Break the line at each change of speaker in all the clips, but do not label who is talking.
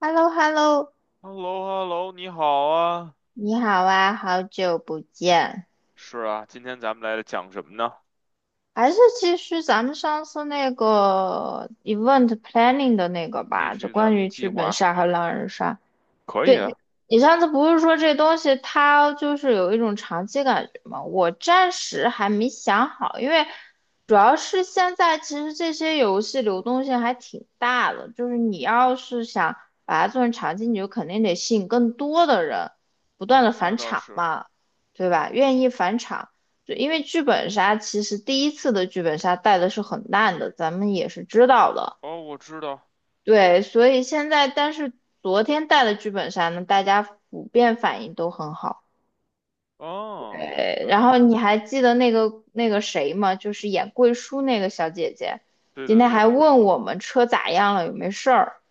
h e l l o h e l l o
h e l l o h e l l o 你好啊。
你好啊，好久不见。
是啊，今天咱们来讲什么呢？
还是继续咱们上次那个 event planning 的那个
继
吧，就
续咱
关
们
于
计
剧本
划，
杀和狼人杀。
可以
对，
啊。
你上次不是说这东西它就是有一种长期感觉吗？我暂时还没想好，因为主要是现在其实这些游戏流动性还挺大的，就是你要是想把它做成长期，你就肯定得吸引更多的人，不断
嗯，
的
那
返
倒
场
是。
嘛，对吧？愿意返场，就因为剧本杀其实第一次的剧本杀带的是很烂的，咱们也是知道的。
哦，我知道。
对，所以现在，但是昨天带的剧本杀呢，大家普遍反应都很好。
哦，对，
然后你还记得那个谁吗？就是演贵叔那个小姐姐，
对
今
的，
天
对
还
的。
问我们车咋样了，有没事儿。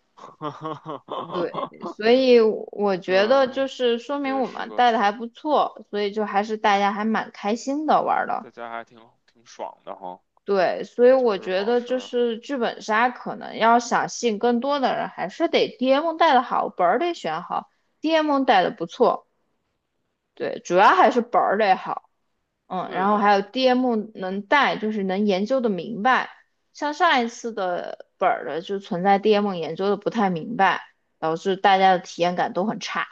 对，所 以我
对
觉得就
啊，
是说
这
明
也
我
是
们
个
带的还不错，所以就还是大家还蛮开心的玩儿的。
在家还挺爽的哈，
对，所以
那就
我
是
觉
好
得
事
就
儿。
是剧本杀可能要想吸引更多的人，还是得 DM 带的好，本儿得选好，DM 带的不错。对，主要还是本儿得好，嗯，
对
然后
的，
还有 DM 能带，就是能研究的明白。像上一次的本儿的就存在 DM 研究的不太明白，导致大家的体验感都很差。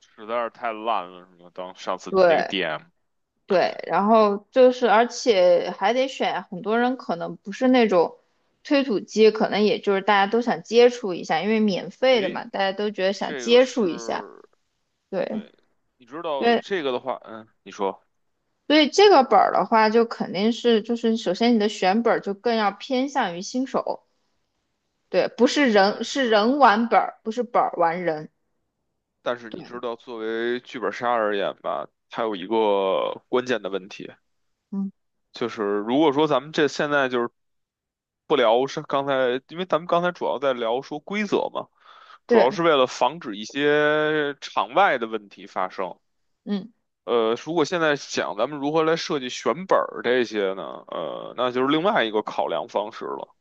实在是太烂了，什么当上次那个
对，
DM，
对，然后就是，而且还得选，很多人可能不是那种推土机，可能也就是大家都想接触一下，因为免费的
诶，
嘛，大家都觉得想
这个
接触一下。
是，
对
对，你知道
对，
这个的话，嗯，你说，
所以这个本儿的话，就肯定是就是首先你的选本儿就更要偏向于新手，对，不是人
但
是
是。
人玩本儿，不是本儿玩人。
但是你
对，
知道，作为剧本杀而言吧，它有一个关键的问题，
嗯，
就是如果说咱们这现在就是不聊是刚才，因为咱们刚才主要在聊说规则嘛，主要
对，
是为了防止一些场外的问题发生。
嗯，
如果现在想咱们如何来设计选本儿这些呢，那就是另外一个考量方式了。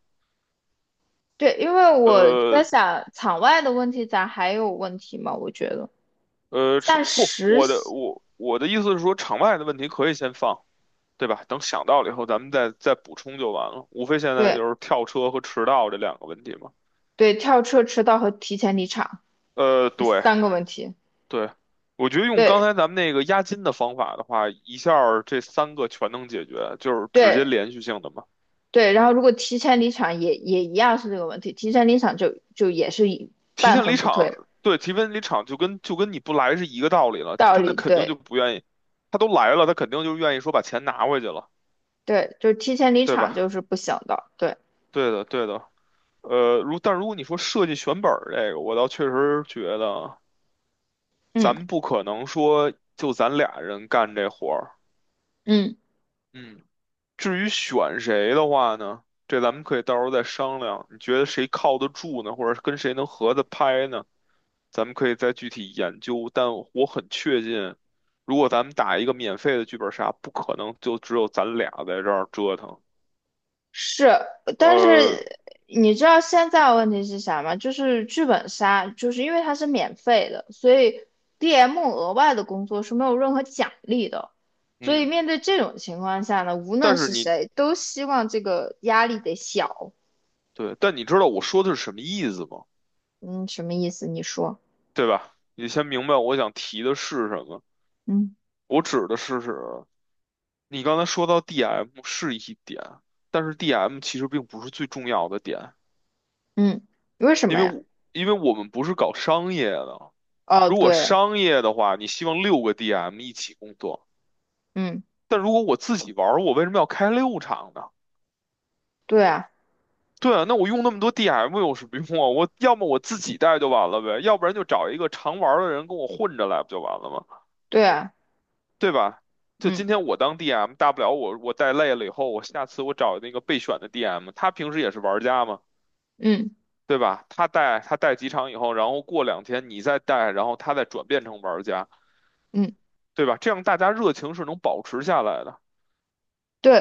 对，因为我在
呃，
想场外的问题，咱还有问题吗？我觉得，
是
但
不，
实
我的
习
我我的意思是说，场外的问题可以先放，对吧？等想到了以后，咱们再补充就完了。无非现在
对。
就是跳车和迟到这两个问题嘛。
对，跳车迟到和提前离场这
对
三个问题。
对，我觉得用
对
刚才咱们那个押金的方法的话，一下儿这三个全能解决，就是直
对
接连续性的嘛。
对，然后如果提前离场也也一样是这个问题，提前离场就也是一
提
半
前离
分不
场，
退，
对，提前离场就跟你不来是一个道理了。
道
他那
理
肯定就
对
不愿意，他都来了，他肯定就愿意说把钱拿回去了，
对，就是提前离
对
场就
吧？
是不行的，对，
对的，对的。但如果你说设计选本儿这个，我倒确实觉得咱
嗯
们不可能说就咱俩人干这活儿。
嗯。
嗯，至于选谁的话呢，这咱们可以到时候再商量。你觉得谁靠得住呢，或者跟谁能合得拍呢？咱们可以再具体研究。但我很确信，如果咱们打一个免费的剧本杀，不可能就只有咱俩在这儿折腾。
是，但
呃，
是你知道现在问题是啥吗？就是剧本杀，就是因为它是免费的，所以 DM 额外的工作是没有任何奖励的。所以
嗯，
面对这种情况下呢，无论
但是
是
你
谁，都希望这个压力得小。
对，但你知道我说的是什么意思吗？
嗯，什么意思？你说，
对吧？你先明白我想提的是什么。
嗯
我指的是你刚才说到 DM 是一点，但是 DM 其实并不是最重要的点，
嗯，为什
因
么
为
呀？
我因为我们不是搞商业的。
哦，
如果
对，
商业的话，你希望六个 DM 一起工作，
嗯，
但如果我自己玩儿，我为什么要开六场呢？
对啊，
对啊，那我用那么多 DM 有什么用啊？我要么我自己带就完了呗，要不然就找一个常玩儿的人跟我混着来不就完了吗？
对啊，
对吧？就
嗯
今天我当 DM，大不了我带累了以后，我下次我找那个备选的 DM，他平时也是玩家嘛，
嗯
对吧？他带几场以后，然后过2天你再带，然后他再转变成玩家，
嗯，
对吧？这样大家热情是能保持下来的。
对，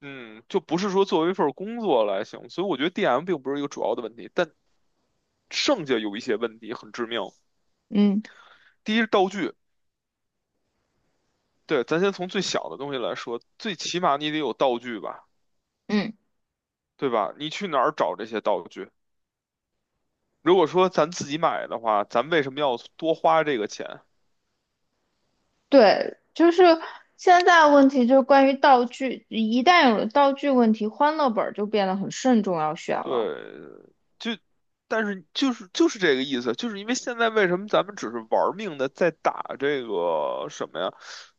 嗯，就不是说作为一份工作来行，所以我觉得 DM 并不是一个主要的问题，但剩下有一些问题很致命。
嗯
第一是道具，对，咱先从最小的东西来说，最起码你得有道具吧，
嗯。
对吧？你去哪儿找这些道具？如果说咱自己买的话，咱为什么要多花这个钱？
对，就是现在问题就是关于道具，一旦有了道具问题，欢乐本儿就变得很慎重要选了。
对，就，但是就是这个意思，就是因为现在为什么咱们只是玩命的在打这个什么呀，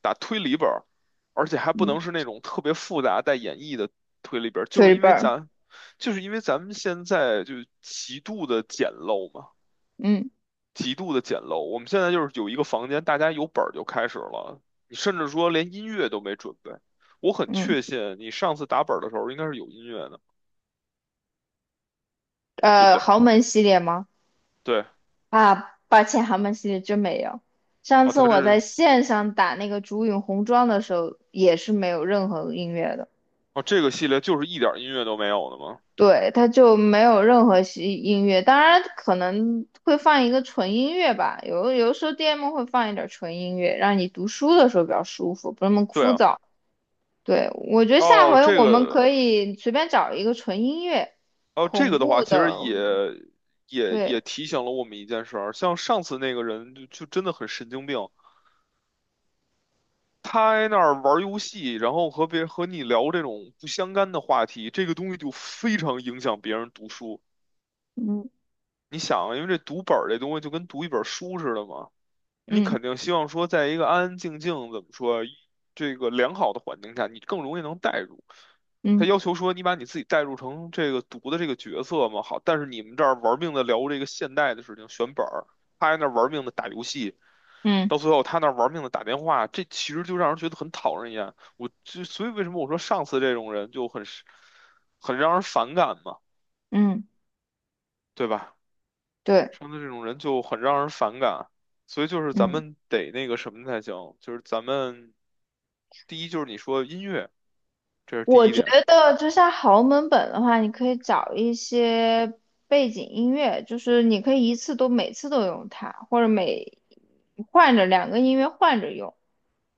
打推理本儿而且还不
嗯，
能是那种特别复杂带演绎的推理本儿
推本儿，
就是因为咱们现在就极度的简陋嘛。
嗯
极度的简陋。我们现在就是有一个房间，大家有本儿就开始了，你甚至说连音乐都没准备。我很
嗯，
确信你上次打本儿的时候应该是有音乐的，对不对？
豪门系列吗？
对，
啊，抱歉，豪门系列真没有。上
哦，
次
它
我
这
在线上打那个竹影红妆的时候，也是没有任何音乐的。
哦这个系列就是一点儿音乐都没有的吗？
对，它就没有任何西音乐，当然可能会放一个纯音乐吧，有的时候 DM 会放一点纯音乐，让你读书的时候比较舒服，不那么
对
枯
啊，
燥。对，我觉得下
哦
回
这
我们可
个
以随便找一个纯音乐，
哦这
恐
个的话，
怖
其实
的，
也也
对，
也提醒了我们一件事儿，像上次那个人就真的很神经病。他在那儿玩游戏，然后和别和你聊这种不相干的话题，这个东西就非常影响别人读书。
嗯
你想啊，因为这读本儿这东西就跟读一本书似的嘛，你
嗯
肯定希望说，在一个安安静静，怎么说，这个良好的环境下，你更容易能代入。他
嗯
要求说，你把你自己代入成这个读的这个角色嘛，好，但是你们这儿玩命的聊这个现代的事情，选本儿，他在那儿玩命的打游戏，
嗯
到最后他那儿玩命的打电话，这其实就让人觉得很讨人厌。我就所以为什么我说上次这种人就很让人反感嘛，
嗯，
对吧？
对，
生的这种人就很让人反感，所以就是咱
嗯。
们得那个什么才行，就是咱们第一就是你说音乐，这是第
我
一
觉
点，
得就像豪门本的话，你可以找一些背景音乐，就是你可以一次都每次都用它，或者每换着两个音乐换着用。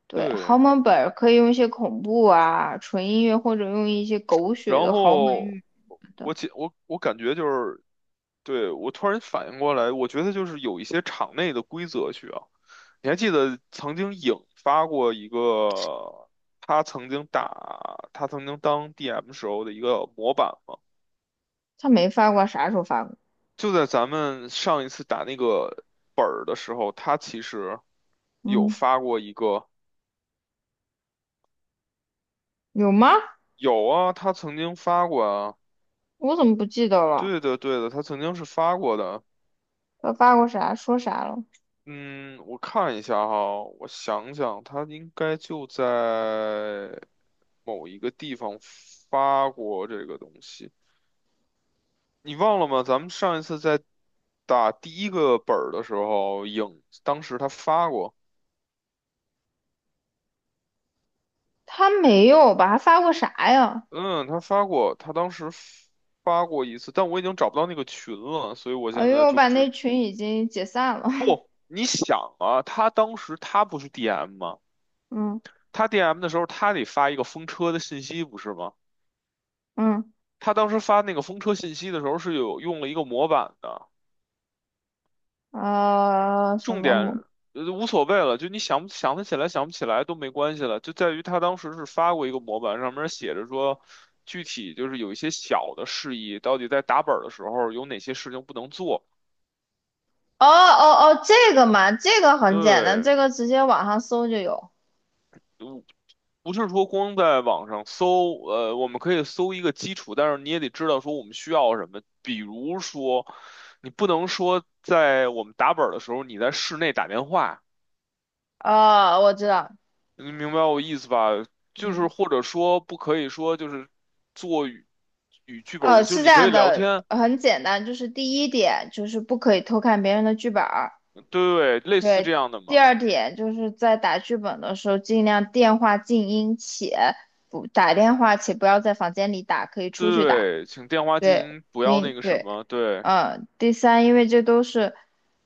对，豪
对，
门本儿可以用一些恐怖啊、纯音乐，或者用一些狗血
然
的豪门
后
语的。
我解我我感觉就是，对，我突然反应过来，我觉得就是有一些场内的规则需要，你还记得曾经引发过一个他曾经当 DM 时候的一个模板吗？
他没发过，啥时候发过？
就在咱们上一次打那个本儿的时候，他其实有
嗯，
发过一个，
有吗？
有啊，他曾经发过啊，
我怎么不记得了？
对的对的，他曾经是发过的。
他发过啥？说啥了？
嗯，我看一下哈，我想想，他应该就在某一个地方发过这个东西。你忘了吗？咱们上一次在打第一个本儿的时候，当时他发过。
他没有吧？他发过啥呀？
嗯，他发过，他当时发过一次，但我已经找不到那个群了，所以我
哎
现
呦，
在
我
就
把
不知。
那群已经解散了。
你想啊，他当时他不是 DM 吗？
嗯
他 DM 的时候，他得发一个风车的信息，不是吗？
嗯。
他当时发那个风车信息的时候是有用了一个模板的，
啊、什
重
么
点
母？
无所谓了，就你想不想得起来，想不起来都没关系了，就在于他当时是发过一个模板，上面写着说。具体就是有一些小的事宜，到底在打本儿的时候有哪些事情不能做？
哦哦哦，这个嘛，这个很简单，
对，
这个直接网上搜就有。
嗯，不是说光在网上搜，我们可以搜一个基础，但是你也得知道说我们需要什么。比如说，你不能说在我们打本儿的时候你在室内打电话，
哦，我知道，
你明白我意思吧？就是
嗯，
或者说不可以说就是做与剧本无，就是
是这
你可以
样
聊
的，
天，
很简单，就是第一点就是不可以偷看别人的剧本儿，
对，类似这
对。
样的
第
嘛。
二点就是在打剧本的时候，尽量电话静音且不打电话，且不要在房间里打，可以出去打。
对，请电话进
对，
行不要那
因
个什
对，
么，对，
嗯，第三，因为这都是，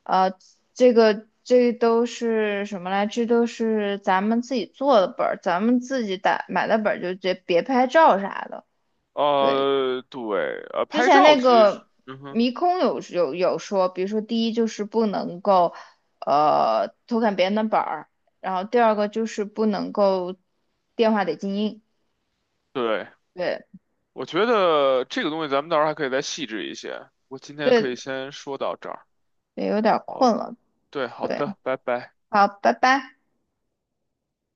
呃，这个这都是什么来？这都是咱们自己做的本儿，咱们自己打买的本儿，就别拍照啥的。对，
对，
之
拍
前
照
那
其实是，
个
嗯哼，
迷空有说，比如说第一就是不能够，偷看别人的本儿，然后第二个就是不能够电话得静音。
对。
对
我觉得这个东西咱们到时候还可以再细致一些。我今天可
对，
以先说到这儿。
也有点儿
好，
困了。
对，好
对，
的，拜拜。
好，拜拜。